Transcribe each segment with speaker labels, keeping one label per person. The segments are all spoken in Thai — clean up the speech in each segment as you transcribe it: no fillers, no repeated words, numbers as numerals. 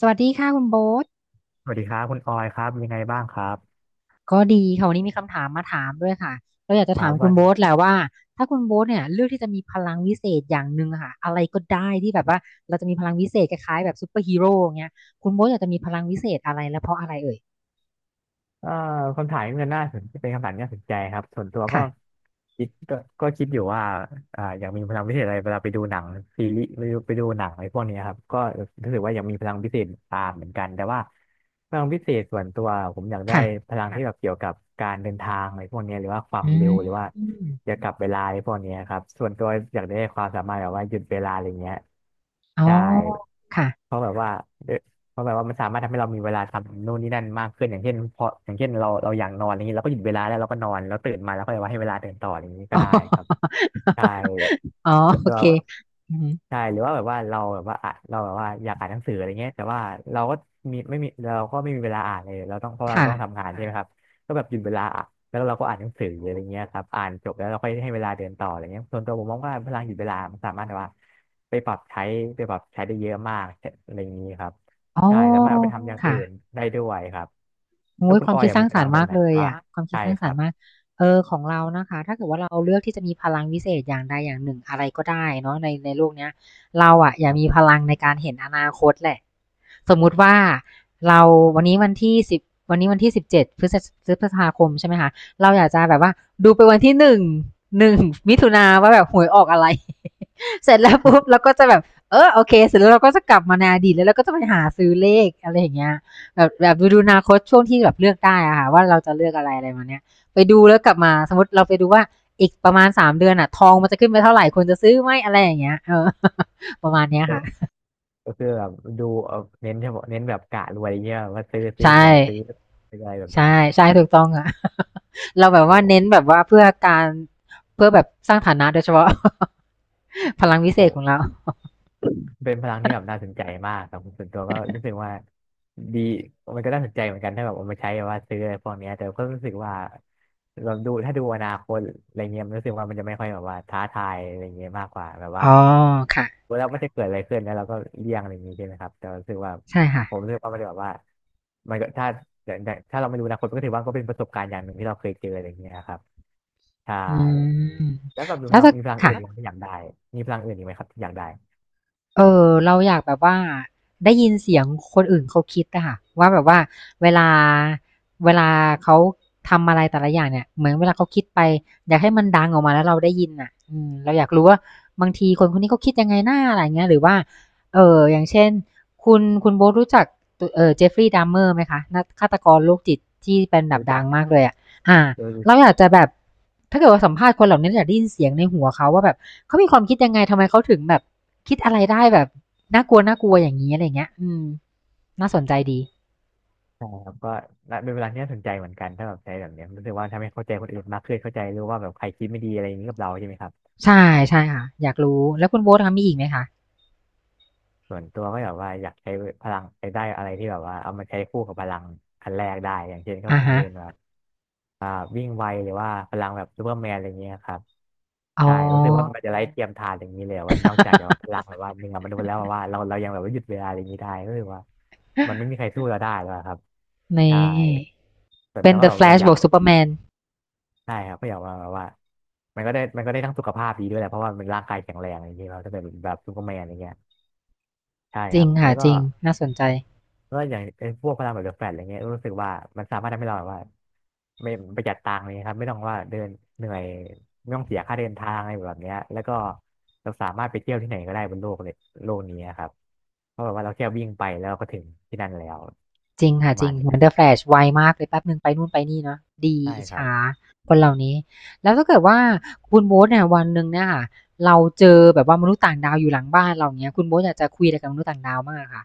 Speaker 1: สวัสดีค่ะคุณโบ๊ท
Speaker 2: สวัสดีครับคุณออยครับยังไงบ้างครับ
Speaker 1: ก็ดีค่ะวันนี้มีคำถามมาถามด้วยค่ะเราอยากจะ
Speaker 2: ครั
Speaker 1: ถาม
Speaker 2: บ
Speaker 1: คุ
Speaker 2: ว่า
Speaker 1: ณโบ๊ทแหละว่าถ้าคุณโบ๊ทเนี่ยเลือกที่จะมีพลังวิเศษอย่างหนึ่งอะค่ะอะไรก็ได้ที่แบบว่าเราจะมีพลังวิเศษคล้ายๆแบบซูเปอร์ฮีโร่อย่างเงี้ยคุณโบ๊ทอยากจะมีพลังวิเศษอะไรและเพราะอะไรเอ่ย
Speaker 2: เอ่อคำถามนี้มันน่าสนเป็นคำถามที่น่าสนใจครับส่วนตัว
Speaker 1: ค่ะ
Speaker 2: คิดก็ก็คิดอยู่ว่าอยากมีพลังพิเศษอะไรเวลาไปดูหนังซีรีส์ไปดูหนังอะไรพวกเนี้ยครับก็รู้สึกว่าอยากมีพลังพิเศษตามเหมือนกันแต่ว่าพลังพิเศษส่วนตัวผมอยากได้
Speaker 1: ค่ะ
Speaker 2: พลังที่แบบเกี่ยวกับการเดินทางอะไรพวกเนี้ยหรือว่าควา
Speaker 1: อื
Speaker 2: มเร็
Speaker 1: ม
Speaker 2: วหรือว่า
Speaker 1: อม
Speaker 2: เกี่ยวกับเวลาอะไรพวกเนี้ยครับส่วนตัวอยากได้ความสามารถแบบว่าหยุดเวลาอะไรเงี้ย
Speaker 1: อ๋อ
Speaker 2: ใช่
Speaker 1: ค่ะ
Speaker 2: เพราะแบบว่าเออ เพราะแบบว่ามันสามารถทำให้เรามีเวลาทำนู่นนี่นั่นมากขึ้นอย่างเช่นพออย่างเช่นเราอยากนอนอะไรเงนี้เราก็หยุดเวลาแล้วเราก็นอนแล้วตื่นมาแล้วก็ว่าให้เวลาเดินต่ออะไรอย่างนี้ก็
Speaker 1: อ๋อ
Speaker 2: ได้ครับใช่
Speaker 1: อ๋อ
Speaker 2: ส่วน
Speaker 1: โอ
Speaker 2: ตัว
Speaker 1: เคอืม
Speaker 2: ใช่หรือว่าแบบว่าเราแบบว่าอยากอ่านหนังสืออะไรเงี้ยแต่ว่าเราก็มีไม่มีเราก็ไม่มีเวลาอ่านเลยเพราะเรา
Speaker 1: ค่ะ
Speaker 2: ต้องทำงานใช่ไหมครับก็แบบหยุดเวลาอ่ะแล้วเราก็อ่านหนังสืออะไรเงี้ยครับอ่านจบแล้วเราค่อยให้เวลาเดินต่ออะไรเงี้ยส่วนตัวผมมองว่าพลังหยุดเวลามันสามารถแบบว่าไปปรับใช้ไปปรับใช้ได้เยอะมากอะไรอย่างนี้ครับ
Speaker 1: อ๋อ
Speaker 2: ใช่ สามารถอ๋อเอาไปทำอย่าง
Speaker 1: ค่ะ
Speaker 2: อื่นได้ด้วยครับแล้
Speaker 1: โอ้
Speaker 2: ว
Speaker 1: ย
Speaker 2: คุ
Speaker 1: ค
Speaker 2: ณ
Speaker 1: วา
Speaker 2: อ
Speaker 1: ม
Speaker 2: อย
Speaker 1: คิด
Speaker 2: อะ
Speaker 1: สร้า
Speaker 2: มี
Speaker 1: ง
Speaker 2: พ
Speaker 1: สร
Speaker 2: ลั
Speaker 1: ร
Speaker 2: ง
Speaker 1: ค์
Speaker 2: แบบ
Speaker 1: มา
Speaker 2: ก
Speaker 1: ก
Speaker 2: ไหน
Speaker 1: เล
Speaker 2: ค
Speaker 1: ย
Speaker 2: วามสาว่า
Speaker 1: อ่ะ
Speaker 2: มาก
Speaker 1: ความคิด
Speaker 2: ใช่
Speaker 1: สร้าง
Speaker 2: ค
Speaker 1: สร
Speaker 2: รั
Speaker 1: รค์มาก
Speaker 2: บ
Speaker 1: เออของเรานะคะถ้าเกิดว่าเราเลือกที่จะมีพลังวิเศษอย่างใดอย่างหนึ่งอะไรก็ได้เนาะในโลกเนี้ยเราอ่ะอยา
Speaker 2: ค
Speaker 1: ก
Speaker 2: รั
Speaker 1: มีพ
Speaker 2: บ
Speaker 1: ลังในการเห็นอนาคตแหละสมมุติว่าเราวันนี้วันที่สิบวันนี้วันที่17พฤษภาคมใช่ไหมคะเราอยากจะแบบว่าดูไปวันที่หนึ่งมิถุนาว่าแบบหวยออกอะไร เสร็จแล้วปุ๊บเราก็จะแบบเออโอเคเสร็จแล้วเราก็จะกลับมาในอดีตแล้วเราก็จะไปหาซื้อเลขอะไรอย่างเงี้ย แบบดูอนาคตช่วงที่แบบเลือกได้อะค่ะว่าเราจะเลือกอะไรอะไรมาเนี้ยไปดูแล้วกลับมาสมมติเราไปดูว่าอีกประมาณ3 เดือนอะทองมันจะขึ้นไปเท่าไหร่ควรจะซื้อไหมอะไรอย่างเงี้ยเออ ประมาณเนี้ย
Speaker 2: ก็
Speaker 1: ค่ะ
Speaker 2: ก็คือแบบดูเน้นเฉพาะเน้นแบบกะรวยอย่างเงี้ยว่าซื้อ
Speaker 1: ใช่
Speaker 2: หวยซื้ออะไรแบบ
Speaker 1: ใช่
Speaker 2: เนี้ย
Speaker 1: ใช่ถูกต้องอะ เราแบบ
Speaker 2: โอ
Speaker 1: ว่าเน้นแบ
Speaker 2: ้
Speaker 1: บว่าเพื่อการเพื่อแบบสร้างฐานะโดยเฉพาะ พลังวิเศษของ
Speaker 2: โห
Speaker 1: เรา
Speaker 2: เป็นพลังที่แบบน่าสนใจมากครับส่วนตัวก็รู้สึกว่าดีมันก็น่าสนใจเหมือนกันถ้าแบบเอามาใช้แบบว่าซื้ออะไรพวกเนี้ยแต่ก็รู้สึกว่าเราดูถ้าดูอนาคตอะไรเงี้ยมันรู้สึกว่ามันจะไม่ค่อยแบบว่าท้าทายอะไรเงี้ยมากกว่าแบบว่า
Speaker 1: อ๋อค่ะ
Speaker 2: แล้วมันจะเกิดอะไรขึ้นแล้วเราก็เลี่ยงอะไรอย่างงี้ใช่ไหมครับแต่รู้สึกว่า
Speaker 1: ใช่ค่ะ
Speaker 2: ผมรู้สึกว่ามันแบบว่ามันก็ถ้าอย่างถ้าเราไม่รู้อนาคตมันก็ถือว่าก็เป็นประสบการณ์อย่างหนึ่งที่เราเคยเจออะไรเงี้ยครับใช่
Speaker 1: อืม
Speaker 2: แล้วแบบ
Speaker 1: แล้วถ้า
Speaker 2: มีพลังอื่
Speaker 1: ค่ะ
Speaker 2: นอีกไหมที่อยากได้มีพลังอื่นอีกไหมครับที่อยากได้
Speaker 1: เออเราอยากแบบว่าได้ยินเสียงคนอื่นเขาคิดอะค่ะว่าแบบว่าเวลาเวลาเขาทำอะไรแต่ละอย่างเนี่ยเหมือนเวลาเขาคิดไปอยากให้มันดังออกมาแล้วเราได้ยินอะอืมเราอยากรู้ว่าบางทีคนคนนี้เขาคิดยังไงหน้าอะไรอย่างเงี้ยหรือว่าเอออย่างเช่นคุณโบ๊ทรู้จักตเออเจฟฟรีย์ดัมเมอร์ไหมคะนักฆาตกรโรคจิตที่เป็นแบบ
Speaker 2: รู้
Speaker 1: ดั
Speaker 2: จั
Speaker 1: ง
Speaker 2: ก
Speaker 1: มากเลยอะอ่า
Speaker 2: โดยวิ
Speaker 1: เราอ
Speaker 2: ช
Speaker 1: ยากจะแบบถ้าเกิดว่าสัมภาษณ์คนเหล่านี้เราอยากได้ยินเสียงในหัวเขาว่าแบบ เขามีความคิดยังไง ทำไมเขาถึงแบบ คิดอะไรได้แบบ น่ากลัวน่ากลัวอย่างนี้อะไรเงี้ยอืม น่าสนใจดี
Speaker 2: าครับก็น่าเป็นเวลาที่น่าสนใจเหมือนกันถ้าแบบใช้แบบเนี้ยรู้สึกว่าทำให้เข้าใจคนอื่นมากขึ้นเข้าใจรู้ว่าแบบใครคิดไม่ดีอะไรอย่างนี้กับเราใช่ไหมครับ
Speaker 1: ใช่ ใช่ค่ะ อยากรู้ แล้วคุณโบ๊ทคะมีอีกไหมคะ
Speaker 2: ส่วนตัวก็แบบว่าอยากใช้พลังใช้ได้อะไรที่แบบว่าเอามาใช้คู่กับพลังอันแรกได้อย่างเช่นก็
Speaker 1: อ่า
Speaker 2: คง
Speaker 1: ฮะ
Speaker 2: จะเป็นแบบอ่าวิ่งไวหรือว่าพลังแบบซูเปอร์แมนอะไรเงี้ยครับ
Speaker 1: อ๋อ
Speaker 2: ใช่รู้สึกว่ามันจะไร้เทียมทานอย่างนี้เลยว่านอกจากจะแบบพลังแบบว่าเหนือมนุษย์แล้วแบบว่าเรายังแบบว่าหยุดเวลาอะไรอย่างนี้ได้ก็คือว่ามันไม่มีใคร สู้เราได้แล้วอะครับ
Speaker 1: นี่
Speaker 2: ใช่ส่วน
Speaker 1: เป็
Speaker 2: ตั
Speaker 1: น
Speaker 2: วก็
Speaker 1: The
Speaker 2: แบบว่า
Speaker 1: Flash
Speaker 2: อ
Speaker 1: บ
Speaker 2: ยาก
Speaker 1: วก Superman
Speaker 2: ใช่ครับก็อย่างว่าแบบว่ามันก็ได้ทั้งสุขภาพดีด้วยแหละเพราะว่ามันร่างกายแข็งแรงอย่างเงี้ยเราถ้าเป็นแบบซูเปอร์แมนอย่างเงี้ยใช่
Speaker 1: จ
Speaker 2: ค
Speaker 1: ริ
Speaker 2: รั
Speaker 1: ง
Speaker 2: บ
Speaker 1: ค่ะ
Speaker 2: แล้วก็
Speaker 1: จริง น่าสนใจ
Speaker 2: ก็อย่างไอ้พวกพลังแบบเดอะแฟลชอะไรเงี้ยรู้สึกว่ามันสามารถทำให้เราแบบว่าไม่ประหยัดตังค์เลยครับไม่ต้องว่าเดินเหนื่อยไม่ต้องเสียค่าเดินทางอะไรแบบเนี้ยแล้วก็เราสามารถไปเที่ยวที่ไหนก็ได้บนโลกเลยโลกนี้ครับเพราะแบบว่าเราแค่วิ่งไปแล้วก็ถึงที่นั่นแล้ว
Speaker 1: จริง
Speaker 2: ป
Speaker 1: ค่ะ
Speaker 2: ระ
Speaker 1: จริ
Speaker 2: มา
Speaker 1: ง
Speaker 2: ณเนี้
Speaker 1: เห
Speaker 2: ย
Speaker 1: มือน
Speaker 2: ค
Speaker 1: The
Speaker 2: รับ
Speaker 1: Flash ไวมากเลยแป๊บหนึ่งไปนู่นไปนี่เนาะดี
Speaker 2: ใช่
Speaker 1: อิจ
Speaker 2: ครับ
Speaker 1: ฉาคนเหล่านี้แล้วถ้าเกิดว่าคุณโบ๊ทเนี่ยวันหนึ่งเนี่ยค่ะเราเจอแบบว่ามนุษย์ต่างดาวอยู่หลังบ้านเราอย่างเงี้ยคุณโบ๊ทอยากจะคุยอะไรกับมนุษย์ต่างดาวมากอค่ะ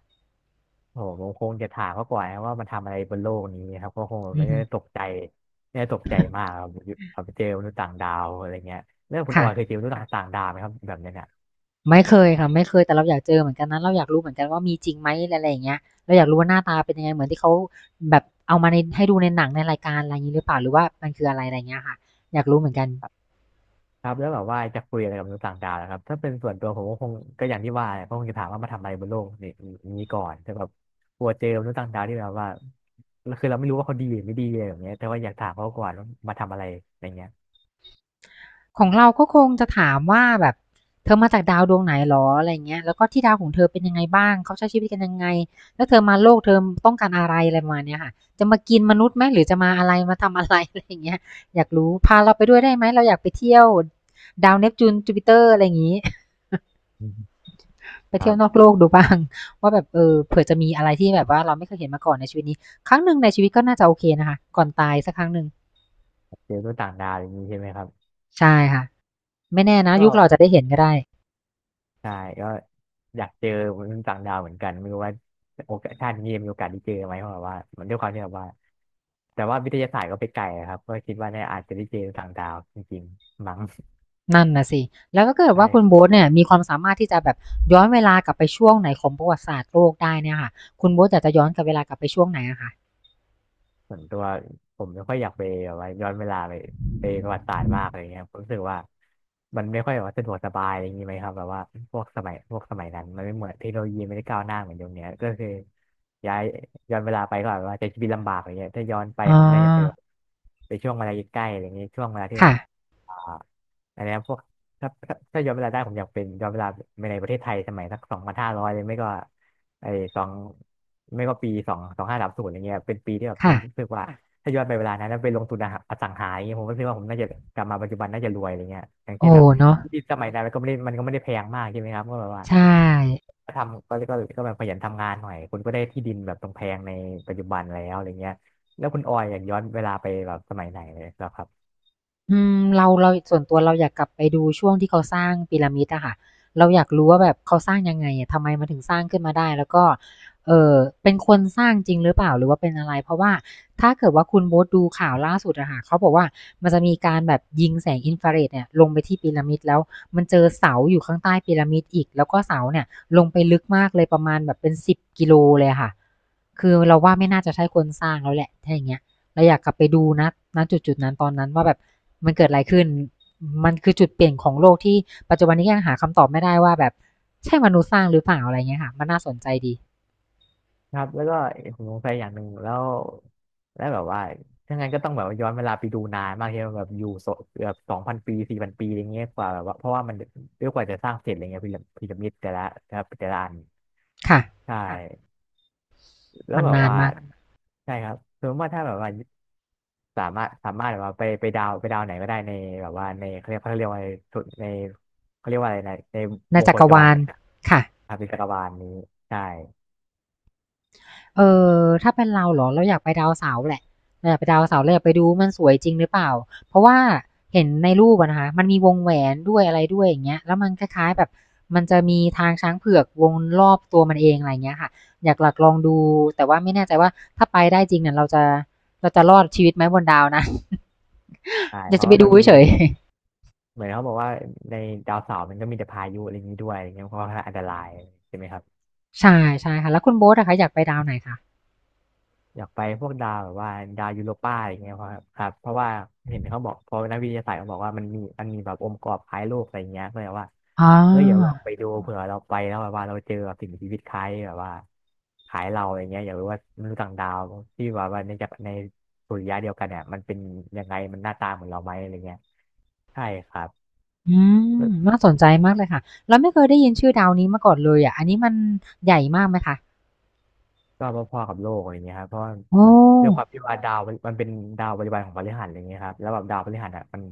Speaker 2: โอ้โหผมคงจะถามเขาก่อนนะว่ามันทำอะไรบนโลกนี้ครับก็คง
Speaker 1: อื
Speaker 2: ไม่
Speaker 1: อฮึ
Speaker 2: ได้ตกใจไม่ได้ตกใจมากครับเจอมนุษย์ต่างดาวอะไรเงี้ยเรื่องคุณอ
Speaker 1: ค่ะ
Speaker 2: อยเคยเจอมนุษย์ต่างดาวไหมครับแบบเนี้ยเนี่ย
Speaker 1: ไม่เคยค่ะไม่เคยแต่เราอยากเจอเหมือนกันนะเราอยากรู้เหมือนกันว่ามีจริงไหมอะไรอย่างเงี้ยเราอยากรู้ว่าหน้าตาเป็นยังไงเหมือนที่เขาแบบเอามาในให้ดูในหนังในรายการอะไรอย่างนี้หรือเปล่าหรือว่ามันคืออะไรอะไรอย่างเงี้ยค่ะอยากรู้เหมือนกัน
Speaker 2: ครับแล้วแบบว่าจะคุยอะไรกับมนุษย์ต่างดาวนะครับถ้าเป็นส่วนตัวผมก็คงก็อย่างที่ว่าแหละก็คงจะถามว่ามาทำอะไรบนโลกนี้ก่อนแต่แบบกลัวเจอมนุษย์ต่างดาวที่แบบว่าคือเราไม่รู้ว่าเขาดีหรือไม่ดีอะไรแบบเนี้ยแต่ว่าอยากถามเขาก่อนว่ามาทำอะไรอะไรเงี้ย
Speaker 1: ของเราก็คงจะถามว่าแบบเธอมาจากดาวดวงไหนหรออะไรเงี้ยแล้วก็ที่ดาวของเธอเป็นยังไงบ้างเขาใช้ชีวิตกันยังไงแล้วเธอมาโลกเธอต้องการอะไรอะไรมาเนี้ยค่ะจะมากินมนุษย์ไหมหรือจะมาอะไรมาทำอะไร อะไรเงี้ยอยากรู้พาเราไปด้วยได้ไหมเราอยากไปเที่ยวดาวเนปจูนจูปิเตอร์อะไรอย่างงี้
Speaker 2: อืม
Speaker 1: ไป
Speaker 2: ครั
Speaker 1: เที่ยว
Speaker 2: บ
Speaker 1: นอกโลกดูบ้างว่าแบบเออเผื่อจะมีอะไรที่แบบว่าเราไม่เคยเห็นมาก่อนในชีวิตนี้ครั้งหนึ่งในชีวิตก็น่าจะโอเคนะคะก่อนตายสักครั้งหนึ่ง
Speaker 2: เจอมนุษย์ต่างดาวอย่างนี้ใช่ไหมครับ
Speaker 1: ใช่ค่ะไม่แน่นะ
Speaker 2: ก็
Speaker 1: ยุคเราจะได้เห็นก็ได้
Speaker 2: ใช่ก็อยากเจอมนุษย์ต่างดาวเหมือนกันไม่รู้ว่าโอกาสชาตินี้มีโอกาสได้เจอไหมเพราะแบบว่ามันด้วยความที่แบบว่าแต่ว่าวิทยาศาสตร์ก็ไปไกลอะครับก็คิดว่าเนี่ยอาจจะได้เจอต่างดาวจริงๆมั้ง
Speaker 1: นั่นน่ะสิแล้วก็เกิดว่าคุณ
Speaker 2: ใช่
Speaker 1: โบ๊ทเนี่ยมีความสามารถที่จะแบบย้อนเวลากลับไปช่วงไหนของประวัติศาสตร์โลกได้เนี่ยค่ะคุณโบ๊ทอยากจะย้อนกลับเวลากลับไปช่วงไหนอะคะ
Speaker 2: ส่วนตัวผมไม่ค่อยอยากไปแบบว่าย้อนเวลาไปประวัติศาสตร์มากอะไรเงี้ยผมรู้สึกว่ามันไม่ค่อยแบบว่าสะดวกสบายอะไรอย่างนี้ไหมครับแบบว่าพวกสมัยนั้นมันไม่เหมือนเทคโนโลยีไม่ได้ก้าวหน้าเหมือนยุคเนี้ยก็คือย้ายย้อนเวลาไปก็แบบว่าจะชีวิตลำบากอะไรเงี้ยถ้าย้อนไป
Speaker 1: อ๋อ
Speaker 2: ผมน่าจะไปแบบไปช่วงเวลาใกล้ๆอะไรเงี้ยช่วงเวลาที่แบ
Speaker 1: ค่ะ
Speaker 2: บอ่าอันเนี้ยพวกถ้าย้อนเวลาได้ผมอยากเป็นย้อนเวลาไปในประเทศไทยสมัยสัก2500เลยไม่ก็ ไอ้สองไม่ก็ปี2530อย่างเงี้ยเป็นปีที่แบบผ
Speaker 1: ค่ะ
Speaker 2: มรู้สึกว่าถ้าย้อนไปเวลานั้นแล้วไปลงทุนอสังหาอย่างเงี้ยผมก็คิดว่าผมน่าจะกลับมาปัจจุบันน่าจะรวยอะไรเงี้ยอย่างเช่น
Speaker 1: โอ้
Speaker 2: แบบ
Speaker 1: เนาะ
Speaker 2: ที่สมัยนั้นมันก็ไม่ได้แพงมากใช่ไหมครับก็แบบว่า
Speaker 1: ใช่
Speaker 2: ก็ทำก็ก็ก็แบบขยันทำงานหน่อยคุณก็ได้ที่ดินแบบตรงแพงในปัจจุบันแล้วอะไรเงี้ยแล้วคุณออยอยากย้อนเวลาไปแบบสมัยไหนเลยเหรอครับ
Speaker 1: อืมเราส่วนตัวเราอยากกลับไปดูช่วงที่เขาสร้างพีระมิดอะค่ะเราอยากรู้ว่าแบบเขาสร้างยังไงอะทำไมมันถึงสร้างขึ้นมาได้แล้วก็เอ่อเป็นคนสร้างจริงหรือเปล่าหรือว่าเป็นอะไรเพราะว่าถ้าเกิดว่าคุณโบดูข่าวล่าสุดอะค่ะเขาบอกว่ามันจะมีการแบบยิงแสงอินฟราเรดเนี่ยลงไปที่พีระมิดแล้วมันเจอเสาอยู่ข้างใต้พีระมิดอีกแล้วก็เสาเนี่ยลงไปลึกมากเลยประมาณแบบเป็นสิบกิโลเลยอะค่ะคือเราว่าไม่น่าจะใช่คนสร้างแล้วแหละถ้าอย่างเงี้ยเราอยากกลับไปดูณจุดๆนั้นตอนนั้นว่าแบบ มันเกิดอะไรขึ้น มันคือจุดเปลี่ยนของโลกที่ปัจจุบันนี้ยังหาคำตอบไม่ได้ว่าแบบ ใช่มนุษย์สร้างหรือเปล่าอะไรเงี้ยค่ะ มันน่าสนใจดี
Speaker 2: ครับแล้วก็ผมสงสัยอย่างหนึ่งแล้วแล้วแบบว่าถ้างั้นก็ต้องแบบว่าย้อนเวลาไปดูนานมากที่แบบอยู่โซเกือบ2000 ปี4000 ปีอะไรเงี้ยกว่าแบบว่าเพราะว่ามันด้วยกว่าจะสร้างเสร็จอะไรเงี้ยพีระมิดแต่ละอัน
Speaker 1: ค่ะ
Speaker 2: ใช่ครับแล้ว
Speaker 1: มัน
Speaker 2: แบบ
Speaker 1: นาน
Speaker 2: ว่า
Speaker 1: มาก
Speaker 2: ใช่ครับสมมติว่าถ้าแบบว่าสามารถแบบว่าไปดาวไหนก็ได้ในแบบว่าในเขาเรียกว่าในสุดในเขาเรียกว่าอะไรนะใน
Speaker 1: ใน
Speaker 2: วง
Speaker 1: จั
Speaker 2: โค
Speaker 1: กร
Speaker 2: จร
Speaker 1: วาล
Speaker 2: นะ
Speaker 1: ค่ะ
Speaker 2: ครับในจักรวาลนี้ใช่
Speaker 1: เออถ้าเป็นเราเหรอเราอยากไปดาวเสาร์แหละเราอยากไปดาวเสาร์เราอยากไปดูมันสวยจริงหรือเปล่าเพราะว่าเห็นในรูปอะนะคะมันมีวงแหวนด้วยอะไรด้วยอย่างเงี้ยแล้วมันคล้ายๆแบบมันจะมีทางช้างเผือกวงรอบตัวมันเองอะไรเงี้ยค่ะอยากหลักลองดูแต่ว่าไม่แน่ใจว่าถ้าไปได้จริงเนี่ยเราจะเราจะรอดชีวิตไหมบนดาวนะ
Speaker 2: ใช่
Speaker 1: อยา
Speaker 2: เพ
Speaker 1: กจะ
Speaker 2: ราะ
Speaker 1: ไป
Speaker 2: ว่า
Speaker 1: ดู
Speaker 2: มันมี
Speaker 1: เฉยๆ
Speaker 2: เหมือนเขาบอกว่าในดาวเสาร์มันก็มีแต่พายุอะไรอย่างนี้ด้วยอะไรเงี้ยเพราะว่าอันตรายใช่ไหมครับ
Speaker 1: ใช่ใช่ค่ะแล้วคุณโบ๊ทนะคะอยากไปดาวไหนคะ
Speaker 2: อยากไปพวกดาวแบบว่าดาวยูโรปาอะไรเงี้ยเพราะครับเพราะว่าเห็นเขาบอกเพอนักวิทยาศาสตร์เขาบอกว่ามันมีแบบองค์ประกอบคล้ายโลกอะไรเงี้ยก็เลยว่า
Speaker 1: อ๋อ
Speaker 2: เฮ้ยอยากลองไปดูเผื่อเราไปแล้วแบบว่าเราเจอแบบสิ่งมีชีวิตคล้ายแบบว่าคล้ายเราอะไรเงี้ยอยากรู้ว่ามนุษย์ต่างดาวที่แบบว่าในสุริยะเดียวกันเนี่ยมันเป็นยังไงมันหน้าตาเหมือนเราไหมอะไรเงี้ยใช่ครับ
Speaker 1: อืมน่าสนใจมากเลยค่ะเราไม่เคยได้ยินชื่อดาวนี้มาก่อนเลยอะอันนี้มันใหญ่มากไหมคะ
Speaker 2: ก็พอๆกับโลกอะไรเงี้ยครับเพราะว่า
Speaker 1: โอ้
Speaker 2: ด้วยอความมที่ว่าดาวมันเป็นดาวบริวารของพฤหัสอะไรเงี้ยครับแล้วแบบดาวพฤหัสอ่ะมัน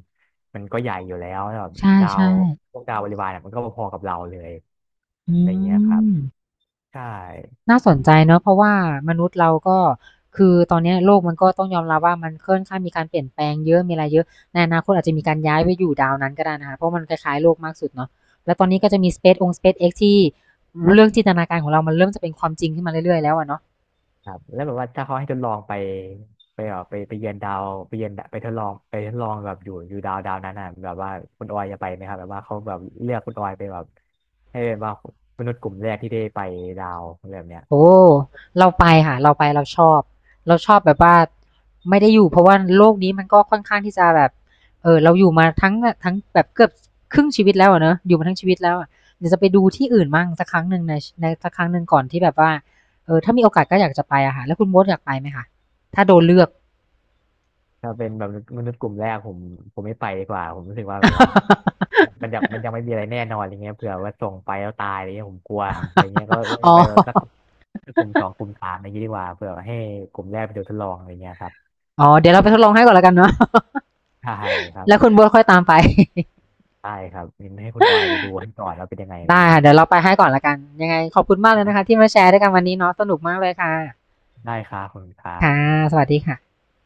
Speaker 2: มันก็ใหญ่อยู่แล้วแล้วแบบ
Speaker 1: ใช่
Speaker 2: ดาวพวกดาวบริวารอ่ะมันก็พอๆกับเราเลย
Speaker 1: ๆอื
Speaker 2: อะไรเงี้ยครับ
Speaker 1: ม
Speaker 2: ใช่
Speaker 1: น่าสนใจเนาะเพราะว่ามนุษย์เราก็คือตอนเนี้ยโลกมันก็ต้องยอมรับว่ามันค่อนข้างมีการเปลี่ยนแปลงเยอะมีอะไรเยอะ ในอนาคตอาจจะมีการย้ายไปอยู่ดาวนั้นก็ได้นะคะ เพราะมันคล้ายๆโลกมากสุดเนาะแล้วตอนนี้ก็จะมี SpaceX ที่เรื่องจินตนาการของเรามันเริ่มจะเป็นความจริงขึ้นมาเรื่อยๆแล้วอะเนาะ
Speaker 2: ครับแล้วแบบว่าถ้าเขาให้ทดลองไปไปแบบไปเยือนดาไปทดลองแบบอยู่ดาวนั้นอ่ะแบบว่าคุณออยจะไปไหมครับแบบว่าเขาแบบเลือกคุณออยไปแบบให้เป็นว่ามนุษย์กลุ่มแรกที่ได้ไปดาวอะไรแบบเนี้ย
Speaker 1: โอ้เราไปค่ะเราไปเราชอบเราชอบแบบว่าไม่ได้อยู่เพราะว่าโลกนี้มันก็ค่อนข้างที่จะแบบเออเราอยู่มาทั้งแบบเกือบครึ่งชีวิตแล้วอะเนอะอยู่มาทั้งชีวิตแล้วอะเดี๋ยวจะไปดูที่อื่นมั่งสักครั้งหนึ่งในสักครั้งหนึ่งก่อนที่แบบว่าเออถ้ามีโอกาสก็อยากจะไปอะค่ะแล้วคุณมดอยากไปไหมคะถ้าโดนเลือก
Speaker 2: ถ้าเป็นแบบมนุษย์กลุ่มแรกผมไม่ไปดีกว่าผมรู้สึกว่าแบบว่ามัน มันยังมันยังไม่มีอะไรแน่นอนอะไรเงี้ยเผื่อว่าส่งไปแล้วตายอะไรเงี้ยผมกลัวอะไรเงี้ยก็เลย
Speaker 1: อ๋อ
Speaker 2: ไปแบบสักกลุ่มสองกลุ่มสามอะไรเงงี้ยดีกว่าเผื่อให้กลุ่มแรกไปดูทดลองอะไรเงี้ยครับ
Speaker 1: อ๋อเดี๋ยวเราไปทดลองให้ก่อนแล้วกันเนาะ
Speaker 2: ใช่ครั บ
Speaker 1: แล้วคุณโบทค่อยตามไป
Speaker 2: ใช่ครับมินให้คุณออยไปดูให้ก่อนว่าเป็นยังไงอะ ไร
Speaker 1: ได้
Speaker 2: เงี้ย
Speaker 1: ค่ะเดี๋ยวเราไปให้ก่อนและกันยังไงขอบคุณมากเลย
Speaker 2: นะ
Speaker 1: นะคะที่มาแชร์ด้วยกันวันนี้เนาะสนุกมากเลยค่ะ
Speaker 2: ได้ครับขอบคุณครั
Speaker 1: ค่ะ
Speaker 2: บ
Speaker 1: สวัสดีค่ะ